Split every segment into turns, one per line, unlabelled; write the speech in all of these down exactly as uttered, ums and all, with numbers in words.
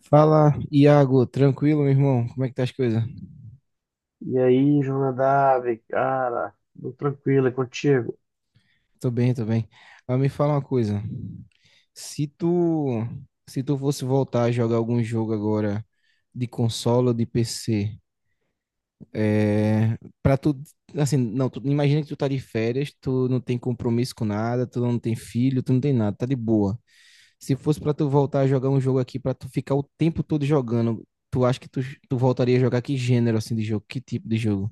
Fala, Iago, tranquilo, meu irmão? Como é que tá as coisas?
E aí, Jonadab, cara, tudo tranquilo, é contigo?
Tô bem, tô bem. Mas me fala uma coisa. Se tu, se tu fosse voltar a jogar algum jogo agora de console ou de P C, é, para tu, assim, não, tu, imagina que tu tá de férias, tu não tem compromisso com nada, tu não tem filho, tu não tem nada, tá de boa. Se fosse pra tu voltar a jogar um jogo aqui, pra tu ficar o tempo todo jogando, tu acha que tu, tu voltaria a jogar que gênero assim de jogo? Que tipo de jogo?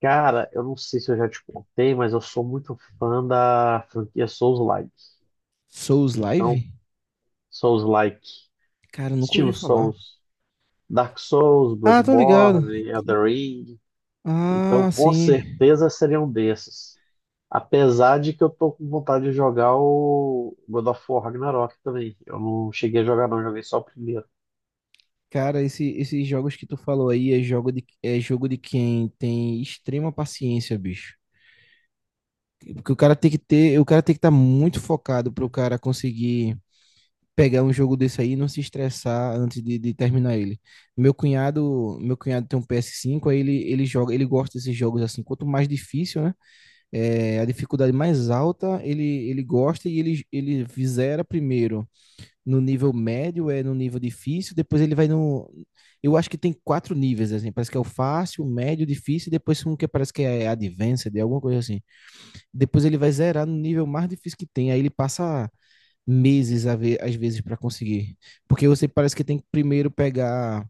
Cara, eu não sei se eu já te contei, mas eu sou muito fã da franquia Souls-like.
Souls
Então,
Live?
Souls-like,
Cara, eu nunca ouvi
estilo
falar.
Souls, Dark Souls,
Ah, tô ligado.
Bloodborne, Elden Ring. Então,
Ah,
com
sim.
certeza seria um desses. Apesar de que eu tô com vontade de jogar o God of War Ragnarok também. Eu não cheguei a jogar, não, joguei só o primeiro.
Cara, esse, esses jogos que tu falou aí é jogo de, é jogo de quem tem extrema paciência, bicho. Porque o cara tem que ter, o cara tem que estar muito focado para o cara conseguir pegar um jogo desse aí e não se estressar antes de, de terminar ele. Meu cunhado, meu cunhado tem um P S cinco, aí ele, ele joga, ele gosta desses jogos assim. Quanto mais difícil, né? É, a dificuldade mais alta, ele, ele gosta e ele, ele zera primeiro. No nível médio, é no nível difícil, depois ele vai no. Eu acho que tem quatro níveis, assim. Parece que é o fácil, o médio, difícil, e depois um que parece que é advanced, é alguma coisa assim. Depois ele vai zerar no nível mais difícil que tem, aí ele passa meses a ver, às vezes para conseguir. Porque você parece que tem que primeiro pegar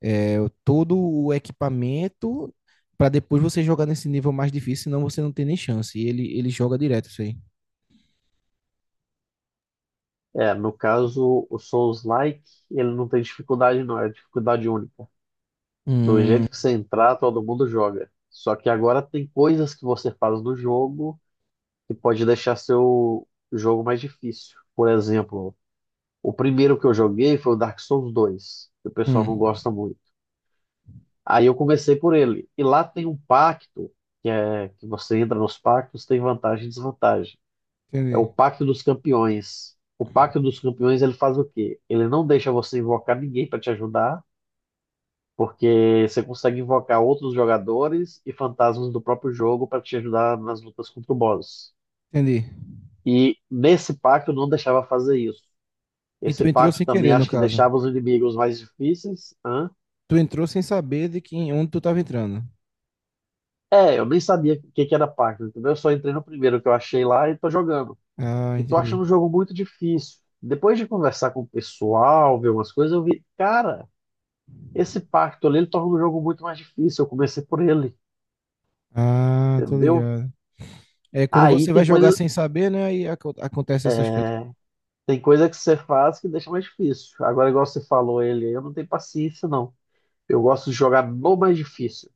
é, todo o equipamento para depois você jogar nesse nível mais difícil, senão você não tem nem chance. E ele, ele joga direto isso aí.
É, no caso, o Souls-like, ele não tem dificuldade não, é dificuldade única. Do
Hum,
jeito que você entrar, todo mundo joga. Só que agora tem coisas que você faz no jogo que pode deixar seu jogo mais difícil. Por exemplo, o primeiro que eu joguei foi o Dark Souls dois, que o pessoal não
hum.
gosta muito. Aí eu comecei por ele. E lá tem um pacto, que é que você entra nos pactos, tem vantagem e desvantagem. É
Entendi,
o Pacto dos Campeões. O Pacto dos Campeões ele faz o quê? Ele não deixa você invocar ninguém para te ajudar, porque você consegue invocar outros jogadores e fantasmas do próprio jogo para te ajudar nas lutas contra o boss.
entendi.
E nesse pacto não deixava fazer isso.
E
Esse
tu entrou
pacto
sem
também
querer, no
acho que
caso.
deixava os inimigos mais difíceis. Hã?
Tu entrou sem saber de quem, onde tu tava entrando.
É, eu nem sabia o que que era pacto, entendeu? Eu só entrei no primeiro que eu achei lá e tô jogando.
Ah,
E tô
entendi.
achando o jogo muito difícil. Depois de conversar com o pessoal, ver umas coisas, eu vi, cara. Esse pacto ali, ele torna o jogo muito mais difícil. Eu comecei por ele,
Ah, tô
entendeu?
ligado. É, quando
Aí
você vai
tem
jogar
coisa,
sem saber, né, aí aco- acontece essas coisas.
tem coisa que você faz que deixa mais difícil. Agora, igual você falou, ele, eu não tenho paciência, não. Eu gosto de jogar no mais difícil.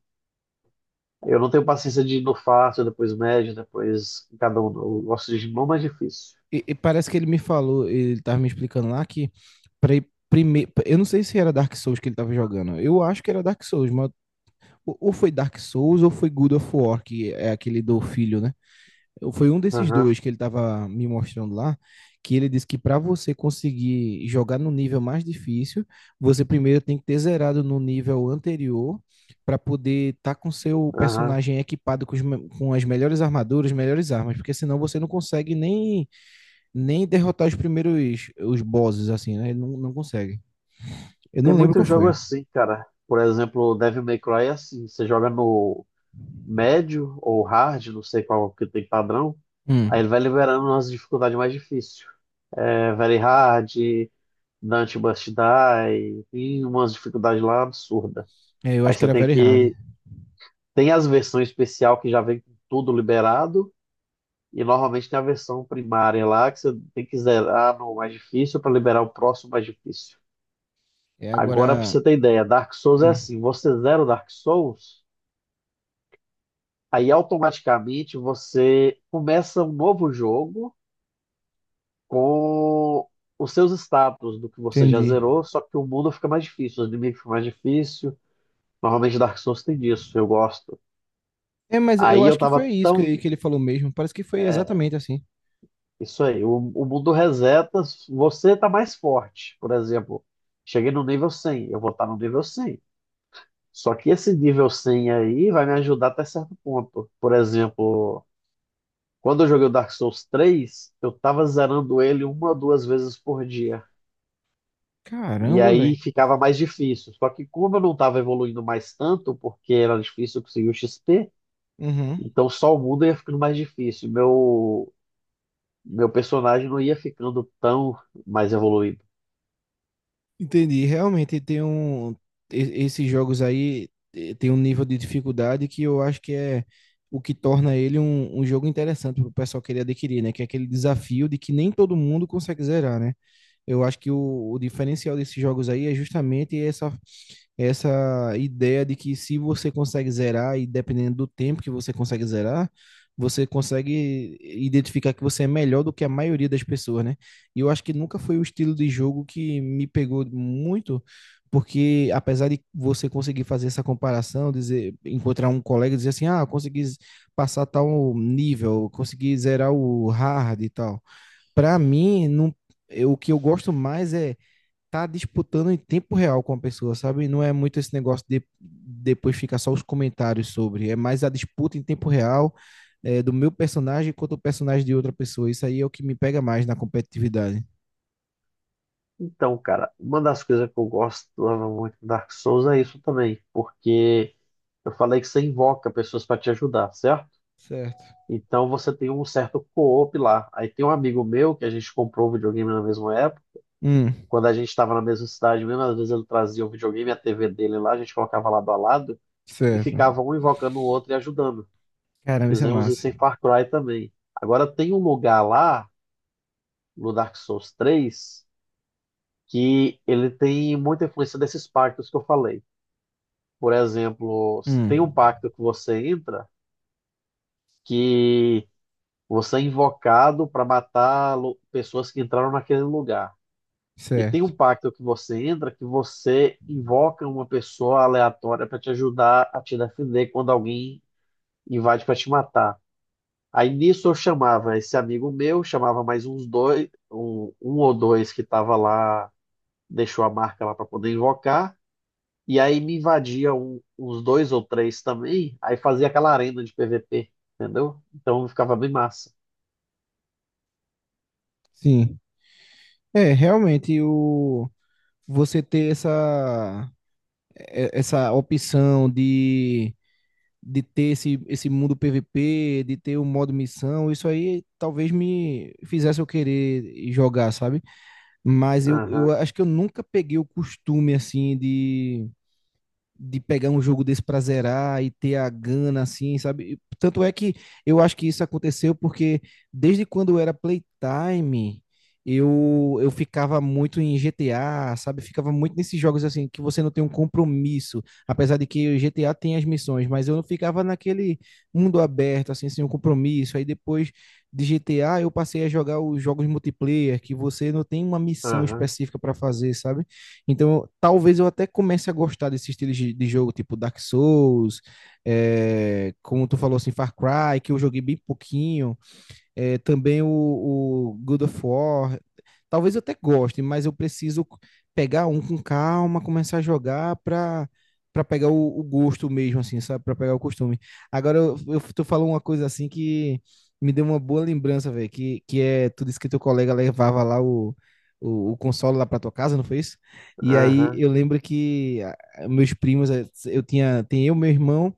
Eu não tenho paciência de ir no fácil, depois médio, depois cada um. Eu gosto de ir no mais difícil.
E, e parece que ele me falou, ele tava me explicando lá que pra ir primeiro, eu não sei se era Dark Souls que ele tava jogando. Eu acho que era Dark Souls, mas ou ou foi Dark Souls ou foi God of War, que é aquele do filho, né? Foi um desses
Aham,
dois que ele estava me mostrando lá, que ele disse que para você conseguir jogar no nível mais difícil, você primeiro tem que ter zerado no nível anterior para poder estar com seu
aham.
personagem equipado com, os me- com as melhores armaduras, melhores armas, porque senão você não consegue nem, nem derrotar os primeiros os bosses assim, né? Ele não, não consegue. Eu
Tem
não lembro
muito
qual
jogo
foi.
assim, cara. Por exemplo, o Devil May Cry é assim. Você joga no médio ou hard, não sei qual que tem padrão. Aí
Hum.
ele vai liberando umas dificuldades mais difíceis. é, Very Hard, Dante Must Die, tem umas dificuldades lá absurdas.
É, eu
Aí
acho que
você
era
tem
Very Hard.
que. Tem as versões especial que já vem com tudo liberado, e normalmente tem a versão primária lá que você tem que zerar no mais difícil para liberar o próximo mais difícil.
É
Agora, para
agora.
você ter ideia, Dark Souls é
Hum,
assim: você zera o Dark Souls, aí automaticamente você começa um novo jogo com os seus status do que você já
entendi.
zerou, só que o mundo fica mais difícil, os inimigos ficam mais difíceis. Normalmente Dark Souls tem disso, eu gosto.
É, mas eu
Aí
acho
eu
que
tava
foi isso que,
tão.
que ele falou mesmo. Parece que foi
é,
exatamente assim.
isso aí, o, o mundo reseta, você tá mais forte. Por exemplo, cheguei no nível cem, eu vou estar no nível cem. Só que esse nível cem aí vai me ajudar até certo ponto. Por exemplo, quando eu joguei o Dark Souls três, eu tava zerando ele uma ou duas vezes por dia. E
Caramba,
aí
velho.
ficava mais difícil. Só que como eu não estava evoluindo mais tanto, porque era difícil conseguir o X P,
Uhum.
então só o mundo ia ficando mais difícil. Meu, meu personagem não ia ficando tão mais evoluído.
Entendi. Realmente tem um. e- Esses jogos aí eh, tem um nível de dificuldade que eu acho que é o que torna ele um, um jogo interessante pro pessoal querer adquirir, né? Que é aquele desafio de que nem todo mundo consegue zerar, né? Eu acho que o, o diferencial desses jogos aí é justamente essa essa ideia de que se você consegue zerar, e dependendo do tempo que você consegue zerar, você consegue identificar que você é melhor do que a maioria das pessoas, né? E eu acho que nunca foi o estilo de jogo que me pegou muito, porque apesar de você conseguir fazer essa comparação, dizer, encontrar um colega e dizer assim, ah, consegui z- passar tal nível, consegui zerar o hard e tal. Para mim, não, eu, o que eu gosto mais é tá disputando em tempo real com a pessoa, sabe? Não é muito esse negócio de depois ficar só os comentários sobre, é mais a disputa em tempo real é, do meu personagem contra o personagem de outra pessoa. Isso aí é o que me pega mais na competitividade.
Então, cara, uma das coisas que eu gosto muito do Dark Souls é isso também, porque eu falei que você invoca pessoas para te ajudar, certo?
Certo.
Então você tem um certo co-op lá. Aí tem um amigo meu que a gente comprou o videogame na mesma época,
Hum,
quando a gente estava na mesma cidade mesmo, às vezes ele trazia o videogame e a T V dele lá, a gente colocava lado a lado e
certo.
ficava um invocando o outro e ajudando.
Caramba, isso é
Fizemos
massa.
isso em Far Cry também. Agora tem um lugar lá, no Dark Souls três que ele tem muita influência desses pactos que eu falei. Por exemplo, tem um
Hum,
pacto que você entra que você é invocado para matar lu- pessoas que entraram naquele lugar. E tem um
certo.
pacto que você entra que você invoca uma pessoa aleatória para te ajudar a te defender quando alguém invade para te matar. Aí nisso eu chamava esse amigo meu, chamava mais uns dois, um, um ou dois que estava lá, deixou a marca lá para poder invocar. E aí me invadia um- uns dois ou três também, aí fazia aquela arena de P V P, entendeu? Então ficava bem massa.
Sim. É, realmente o você ter essa é- essa opção de de ter esse, esse mundo P V P, de ter o modo missão, isso aí talvez me fizesse eu querer jogar, sabe? Mas eu,
Aham,
eu acho que eu nunca peguei o costume, assim, de de pegar um jogo desse pra zerar e ter a gana, assim, sabe? Tanto é que eu acho que isso aconteceu porque desde quando eu era Playtime, eu, eu ficava muito em G T A, sabe? Ficava muito nesses jogos, assim, que você não tem um compromisso, apesar de que o G T A tem as missões, mas eu não ficava naquele mundo aberto, assim, sem um compromisso. Aí depois de G T A, eu passei a jogar os jogos multiplayer, que você não tem uma missão
aham,
específica pra fazer, sabe? Então, talvez eu até comece a gostar desse estilo de, de jogo, tipo Dark Souls, é, como tu falou assim, Far Cry, que eu joguei bem pouquinho é, também o, o God of War. Talvez eu até goste, mas eu preciso pegar um com calma, começar a jogar para para pegar o, o, gosto mesmo, assim, sabe? Para pegar o costume. Agora eu, eu tu falou uma coisa assim que me deu uma boa lembrança, velho, que, que é, tu disse que teu colega levava lá o, o, o console lá para tua casa, não foi isso? E aí
aham.
eu lembro que ah, meus primos, eh, eu tinha, tem eu, meu irmão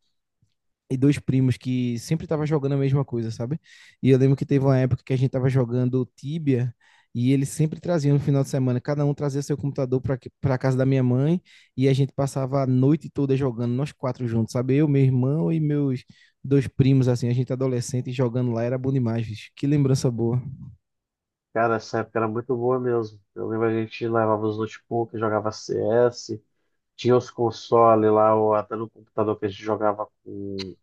e dois primos que sempre tava jogando a mesma coisa, sabe? E eu lembro que teve uma época que a gente tava jogando Tibia e eles sempre traziam no final de semana, cada um trazia seu computador para para casa da minha mãe e a gente passava a noite toda jogando nós quatro juntos, sabe? Eu, meu irmão e meus dois primos assim, a gente adolescente jogando lá era bom demais, bicho. Que lembrança boa.
Cara, essa época era muito boa mesmo. Eu lembro a gente levava os notebooks, jogava C S, tinha os consoles lá, ou até no computador que a gente jogava com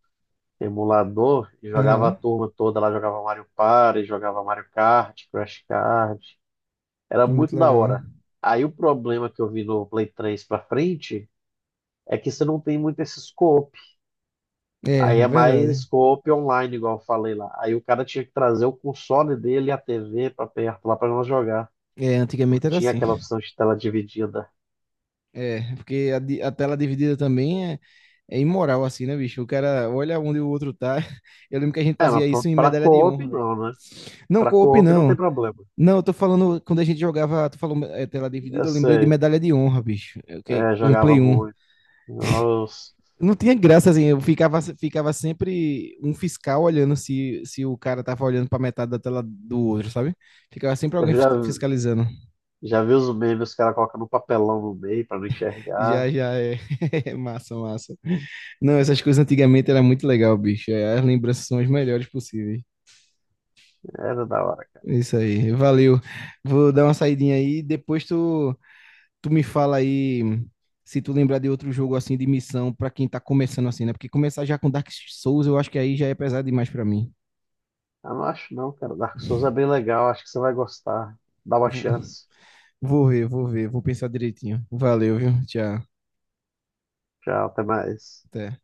emulador, e jogava a
Aham.
turma toda lá, jogava Mario Party, jogava Mario Kart, Crash Card. Era
É muito
muito da
legal.
hora. Aí o problema que eu vi no Play três pra frente é que você não tem muito esse scope.
É,
Aí
é
é mais
verdade.
scope online, igual eu falei lá. Aí o cara tinha que trazer o console dele e a T V pra perto lá pra nós jogar.
É,
Não
antigamente era
tinha
assim.
aquela opção de tela dividida.
É, porque a, di- a tela dividida também é, é imoral, assim, né, bicho? O cara olha onde o outro tá. Eu lembro que a gente
É,
fazia
mas pra,
isso em
pra
medalha de
co-op
honra, velho.
não, né?
Não,
Pra
co-op
co-op não tem
não.
problema.
Não, eu tô falando, quando a gente jogava, tu falou é, tela
Eu
dividida, eu lembrei de
sei.
medalha de honra, bicho. Eu, que,
É,
no
jogava
Play um.
muito. Nossa,
Não tinha graça, assim, eu ficava, ficava sempre um fiscal olhando se, se o cara tava olhando pra metade da tela do outro, sabe? Ficava sempre
eu
alguém
já,
fisca- fiscalizando.
já vi os memes, os caras colocando um papelão no meio pra não
Já,
enxergar.
já, é. Massa, massa. Não, essas coisas antigamente era muito legal, bicho. É, as lembranças são as melhores possíveis.
Era da hora.
É, isso aí, valeu. Vou dar uma saidinha aí, depois tu, tu me fala aí se tu lembrar de outro jogo assim de missão pra quem tá começando assim, né? Porque começar já com Dark Souls, eu acho que aí já é pesado demais pra mim.
Eu não acho não, cara. Dark Souls é bem legal, acho que você vai gostar. Dá uma
Vou,
chance.
vou ver, vou ver, vou pensar direitinho. Valeu, viu? Tchau.
Tchau, até mais.
Até.